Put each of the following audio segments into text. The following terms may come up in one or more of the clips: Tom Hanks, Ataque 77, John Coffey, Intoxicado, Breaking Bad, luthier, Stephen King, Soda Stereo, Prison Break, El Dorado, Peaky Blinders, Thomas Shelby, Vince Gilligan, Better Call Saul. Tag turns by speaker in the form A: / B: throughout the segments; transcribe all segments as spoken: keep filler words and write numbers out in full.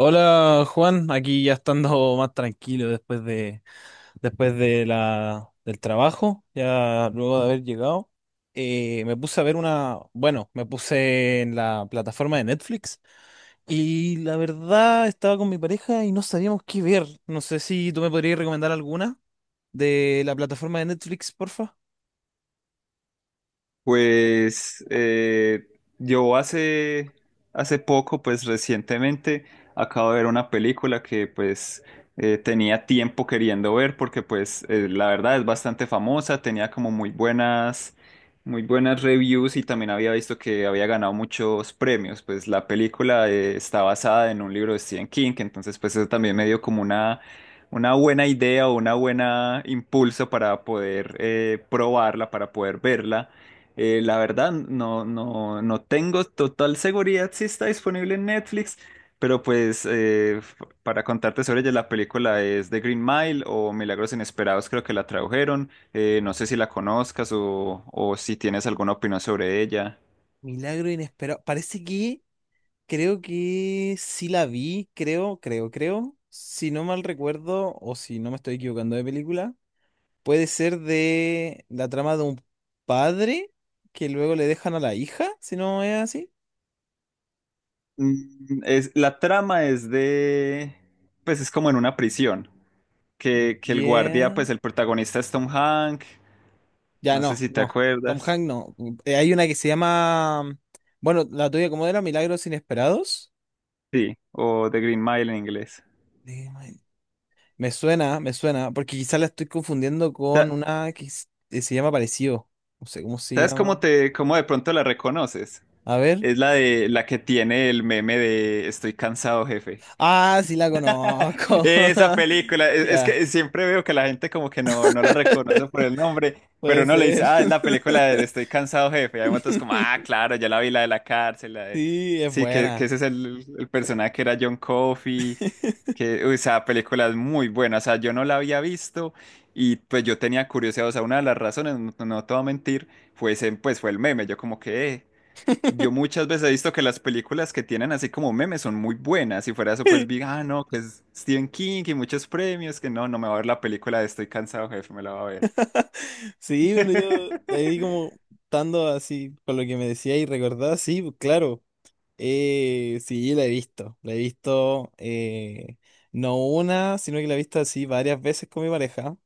A: Hola Juan, aquí ya estando más tranquilo después de después de la del trabajo, ya luego de haber llegado, eh, me puse a ver una, bueno, me puse en la plataforma de Netflix y la verdad estaba con mi pareja y no sabíamos qué ver. No sé si tú me podrías recomendar alguna de la plataforma de Netflix, porfa.
B: Pues eh, yo hace, hace poco, pues recientemente, acabo de ver una película que pues eh, tenía tiempo queriendo ver porque pues eh, la verdad es bastante famosa, tenía como muy buenas, muy buenas reviews y también había visto que había ganado muchos premios. Pues la película eh, está basada en un libro de Stephen King, entonces pues eso también me dio como una una buena idea o una buena impulso para poder eh, probarla, para poder verla. Eh, la verdad, no, no, no tengo total seguridad si está disponible en Netflix, pero pues eh, f- para contarte sobre ella, la película es The Green Mile o Milagros Inesperados, creo que la tradujeron. Eh, no sé si la conozcas o, o si tienes alguna opinión sobre ella.
A: Milagro inesperado. Parece que creo que sí la vi, creo, creo, creo. Si no mal recuerdo o si no me estoy equivocando de película. Puede ser de la trama de un padre que luego le dejan a la hija, si no es así.
B: Mm, es, la trama es de, pues es como en una prisión, que, que el guardia,
A: Yeah.
B: pues el protagonista es Tom Hanks,
A: Ya
B: no sé
A: no,
B: si te
A: no. Tom
B: acuerdas,
A: Hanks no. Eh, hay una que se llama. Bueno, la tuya, ¿cómo era? Milagros Inesperados.
B: sí, o The Green Mile en inglés.
A: De- me suena, me suena, porque quizás la estoy confundiendo con una que s- eh, se llama parecido. No sé cómo se
B: ¿Sabes cómo
A: llama.
B: te, cómo de pronto la reconoces?
A: A ver.
B: Es la de la que tiene el meme de Estoy cansado, jefe.
A: Ah, sí la conozco.
B: Esa película, es, es
A: Ya,
B: que siempre veo que la gente como que no, no la reconoce por el nombre, pero
A: puede
B: uno le
A: ser.
B: dice, ah, es la película de Estoy cansado, jefe. Y hay otros como, ah, claro, ya la vi, la de la cárcel, la de...
A: Sí, es
B: Sí, que, que
A: buena.
B: ese es el, el personaje que era John Coffey, que, uy, esa película es muy buena, o sea, yo no la había visto y pues yo tenía curiosidad, o sea, una de las razones, no, no te voy a mentir, fue ese, pues fue el meme, yo como que... "Eh, yo muchas veces he visto que las películas que tienen así como memes son muy buenas. Si fuera eso, pues vi, ah, no, que es Stephen King y muchos premios, que no, no me va a ver la película de Estoy cansado, jefe, me la va a ver.
A: Sí, bueno, yo ahí como estando así con lo que me decía y recordaba, sí, pues, claro, eh, sí, la he visto, la he visto eh, no una, sino que la he visto así varias veces con mi pareja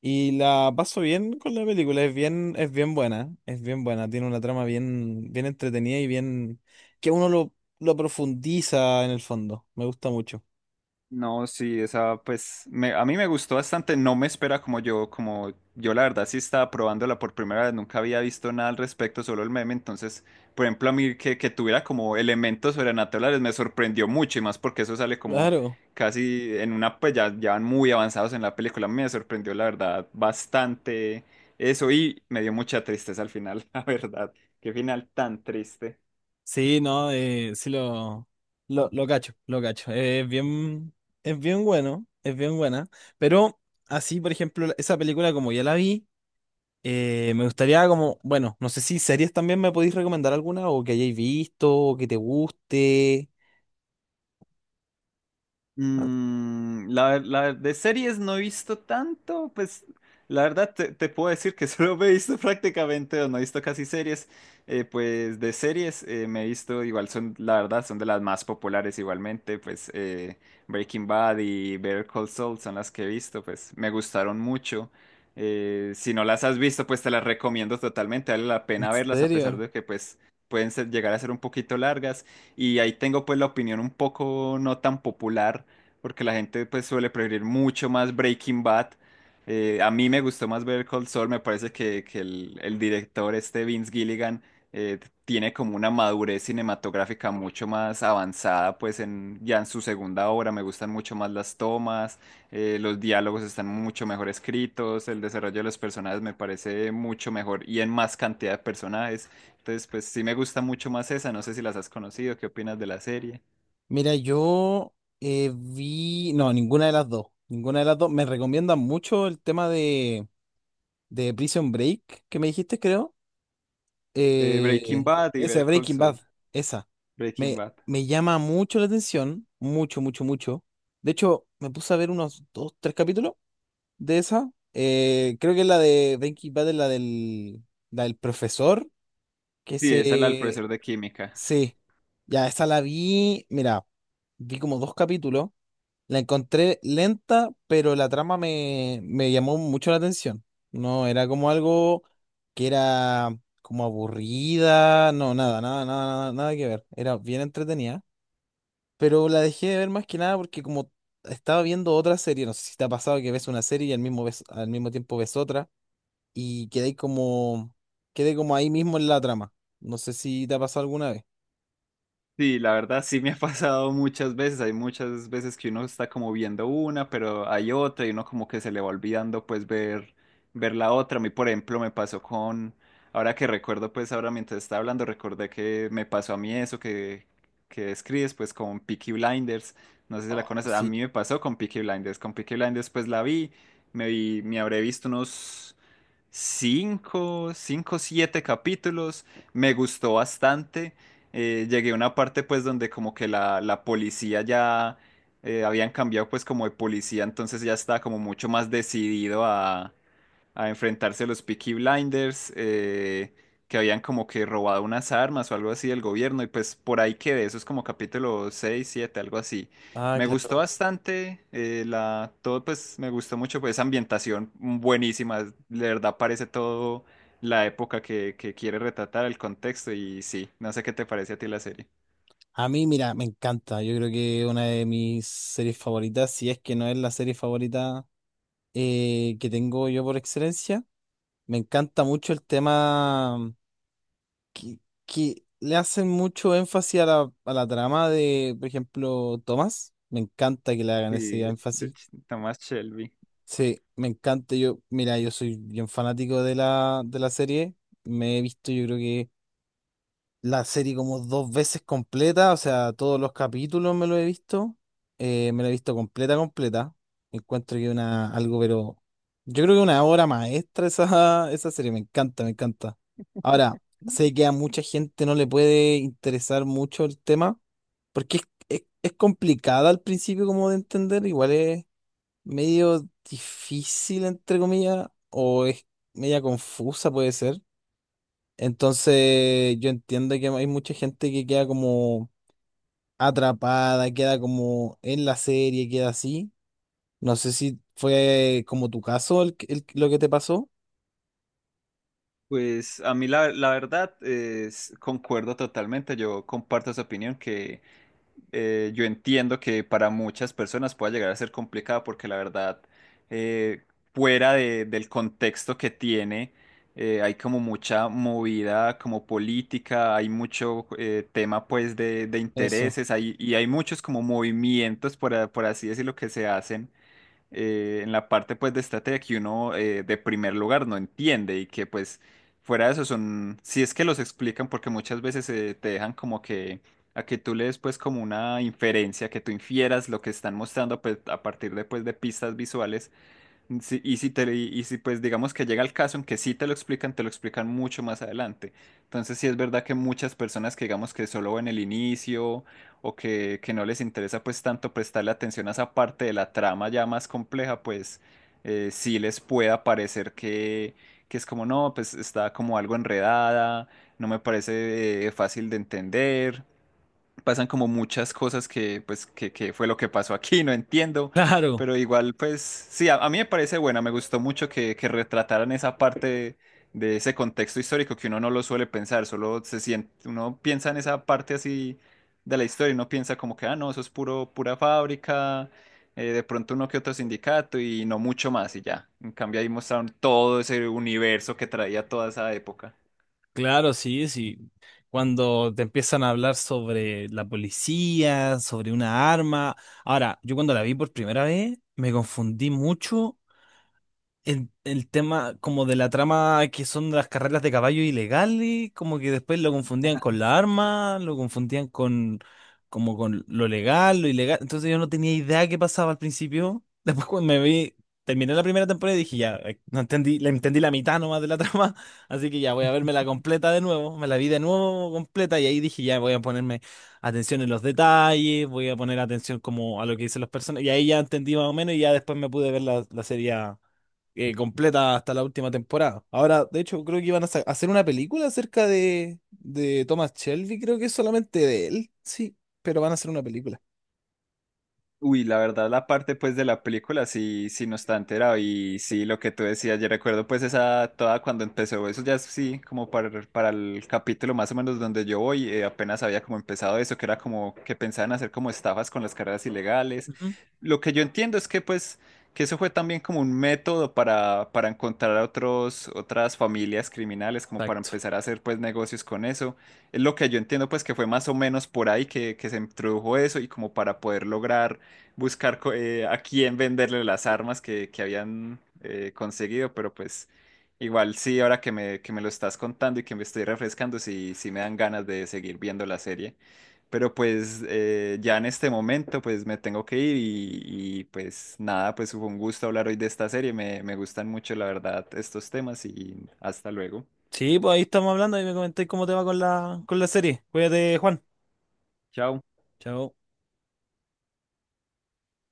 A: y la paso bien con la película, es bien, es bien buena, es bien buena, tiene una trama bien, bien entretenida y bien que uno lo, lo profundiza en el fondo, me gusta mucho.
B: No, sí, esa pues me- a mí me gustó bastante, no me espera como yo, como yo la verdad sí estaba probándola por primera vez, nunca había visto nada al respecto, solo el meme, entonces, por ejemplo, a mí que, que tuviera como elementos sobrenaturales me sorprendió mucho y más porque eso sale como
A: Claro.
B: casi en una, pues ya, ya van muy avanzados en la película, a mí me sorprendió la verdad bastante eso y me dio mucha tristeza al final, la verdad, qué final tan triste.
A: Sí, no, eh, sí lo, lo, lo cacho, lo cacho. Eh, Es bien, es bien bueno, es bien buena. Pero así, por ejemplo, la- esa película como ya la vi, eh, me gustaría como, bueno, no sé si series también me podéis recomendar alguna o que hayáis visto o que te guste. Ah,
B: Mm, la, ver- la ver- de series no he visto tanto, pues la verdad te, te puedo decir que solo me he visto prácticamente, o no he visto casi series, eh, pues de series eh, me he visto, igual son, la verdad, son de las más populares igualmente, pues eh, Breaking Bad y Better Call Saul son las que he visto, pues me gustaron mucho. Eh, si no las has visto, pues te las recomiendo totalmente, vale la
A: ¿en
B: pena verlas a pesar
A: serio?
B: de que pues pueden ser- llegar a ser un poquito largas y ahí tengo pues la opinión un poco no tan popular porque la gente pues suele preferir mucho más Breaking Bad. Eh, a mí me gustó más ver Cold Soul, me parece que, que el, el director este Vince Gilligan eh, tiene como una madurez cinematográfica mucho más avanzada, pues en, ya en su segunda obra me gustan mucho más las tomas, eh, los diálogos están mucho mejor escritos, el desarrollo de los personajes me parece mucho mejor y en más cantidad de personajes. Entonces, pues sí me gusta mucho más esa, no sé si las has conocido, ¿qué opinas de la serie?
A: Mira, yo eh, vi, no, ninguna de las dos, ninguna de las dos. Me recomiendan mucho el tema de, de Prison Break que me dijiste, creo.
B: Eh, Breaking
A: Eh,
B: Bad y
A: esa,
B: ver Cold
A: Breaking Bad,
B: Soul.
A: esa.
B: Breaking
A: Me,
B: Bad.
A: me llama mucho la atención, mucho, mucho, mucho. De hecho, me puse a ver unos dos, tres capítulos de esa. Eh, creo que es la de Breaking Bad es la del, la del profesor, que
B: Sí, es el al
A: se...
B: profesor de química.
A: Sí, ya, esa la vi, mira, vi como dos capítulos. La encontré lenta, pero la trama me, me llamó mucho la atención. No, era como algo que era como aburrida, no, nada, nada, nada, nada, nada que ver. Era bien entretenida, pero la dejé de ver más que nada porque como estaba viendo otra serie, no sé si te ha pasado que ves una serie y al mismo, ves- al mismo tiempo ves otra y quedé como, quedé como ahí mismo en la trama. No sé si te ha pasado alguna vez.
B: Sí, la verdad sí me ha pasado muchas veces. Hay muchas veces que uno está como viendo una, pero hay otra y uno como que se le va olvidando pues ver, ver la otra. A mí, por ejemplo, me pasó con, ahora que recuerdo pues ahora mientras estaba hablando, recordé que me pasó a mí eso que, que describes pues con Peaky Blinders. No sé si la
A: Oh,
B: conoces, a mí
A: sí.
B: me pasó con Peaky Blinders. Con Peaky Blinders pues la vi, me vi, me habré visto unos... Cinco, cinco, siete capítulos, me gustó bastante, eh, llegué a una parte pues donde como que la, la policía ya eh, habían cambiado pues como de policía, entonces ya estaba como mucho más decidido a, a enfrentarse a los Peaky Blinders, eh, que habían como que robado unas armas o algo así del gobierno, y pues por ahí quedé, eso es como capítulo seis siete algo así.
A: Ah,
B: Me gustó
A: claro.
B: bastante, eh, la, todo pues me gustó mucho, pues esa ambientación buenísima, de verdad parece todo la época que, que quiere retratar, el contexto y sí, no sé qué te parece a ti la serie.
A: A mí, mira, me encanta. Yo creo que una de mis series favoritas, si es que no es la serie favorita eh, que tengo yo por excelencia, me encanta mucho el tema que, que le hacen mucho énfasis a la, a la trama de, por ejemplo, Tomás. Me encanta que le hagan ese
B: Sí, de
A: énfasis.
B: Ch- Thomas Shelby.
A: Sí, me encanta. Yo, mira, yo soy bien fanático de la, de la serie. Me he visto, yo creo que la serie como dos veces completa, o sea, todos los capítulos me lo he visto, eh, me lo he visto completa, completa. Encuentro que una, algo, pero yo creo que una obra maestra esa, esa serie, me encanta, me encanta. Ahora, sé que a mucha gente no le puede interesar mucho el tema, porque es, es, es complicada al principio como de entender, igual es medio difícil, entre comillas, o es media confusa, puede ser. Entonces, yo entiendo que hay mucha gente que queda como atrapada, queda como en la serie, queda así. No sé si fue eh, como tu caso el, que- el- lo que te pasó.
B: Pues a mí la, la verdad es, concuerdo totalmente, yo comparto esa opinión que... eh, yo entiendo que para muchas personas pueda llegar a ser complicada porque la verdad, eh, fuera de- del contexto que tiene, eh, hay como mucha movida como política, hay mucho eh, tema pues de, de
A: Eso.
B: intereses hay, y hay muchos como movimientos, por, a- por así decirlo, que se hacen eh, en la parte pues de estrategia que uno eh, de primer lugar no entiende y que pues fuera de eso son, si es que los explican porque muchas veces eh, te dejan como que a que tú le des pues como una inferencia, que tú infieras lo que están mostrando pues, a partir de pues de pistas visuales. Sí, y si te, y si pues digamos que llega el caso en que sí te lo explican, te lo explican mucho más adelante. Entonces sí es verdad que muchas personas que digamos que solo ven el inicio o que, que no les interesa pues tanto prestarle atención a esa parte de la trama ya más compleja, pues eh, sí les pueda parecer que, que es como no, pues está como algo enredada, no me parece eh, fácil de entender, pasan como muchas cosas que, pues, que, que fue lo que pasó aquí, no entiendo,
A: Claro,
B: pero igual, pues, sí, a, a mí me parece buena, me gustó mucho que, que retrataran esa parte de, ese contexto histórico que uno no lo suele pensar, solo se siente, uno piensa en esa parte así de la historia, y uno piensa como que, ah, no, eso es puro, pura fábrica, eh, de pronto uno que otro sindicato y no mucho más y ya. En cambio ahí mostraron todo ese universo que traía toda esa época.
A: claro, sí, sí. Cuando te empiezan a hablar sobre la policía, sobre una arma. Ahora, yo cuando la vi por primera vez, me confundí mucho el, el tema como de la trama que son las carreras de caballo ilegales, como que después lo confundían con la arma, lo confundían con como con lo legal, lo ilegal. Entonces yo no tenía idea qué pasaba al principio. Después cuando me vi, terminé la primera temporada y dije, ya, eh, no entendí, le entendí la mitad nomás de la trama, así que ya voy a verme la completa de nuevo, me la vi de nuevo completa y ahí dije, ya voy a ponerme atención en los detalles, voy a poner atención como a lo que dicen las personas y ahí ya entendí más o menos y ya después me pude ver la, la serie eh, completa hasta la última temporada. Ahora, de hecho, creo que iban a sa- hacer una película acerca de, de Thomas Shelby, creo que es solamente de él, sí, pero van a hacer una película.
B: Uy, la verdad, la parte pues de la película sí, sí no está enterado y sí, lo que tú decías, yo recuerdo pues esa toda cuando empezó, eso ya es, sí, como para, para el capítulo más o menos donde yo voy, eh, apenas había como empezado eso, que era como que pensaban hacer como estafas con las carreras ilegales.
A: Ujú.
B: Lo que yo entiendo es que pues que eso fue también como un método para, para encontrar a otros, otras familias criminales, como para
A: Exacto.
B: empezar a hacer pues negocios con eso. Es lo que yo entiendo pues que fue más o menos por ahí que, que se introdujo eso y como para poder lograr buscar co- eh, a quién venderle las armas que, que habían eh, conseguido, pero pues igual sí, ahora que me, que me lo estás contando y que me estoy refrescando, sí, sí me dan ganas de seguir viendo la serie. Pero pues eh, ya en este momento pues me tengo que ir y, y, pues nada, pues fue un gusto hablar hoy de esta serie, me, me gustan mucho la verdad estos temas y hasta luego.
A: Sí, pues ahí estamos hablando y me comentáis cómo te va con la, con la serie. Cuídate, Juan.
B: Chao.
A: Chao.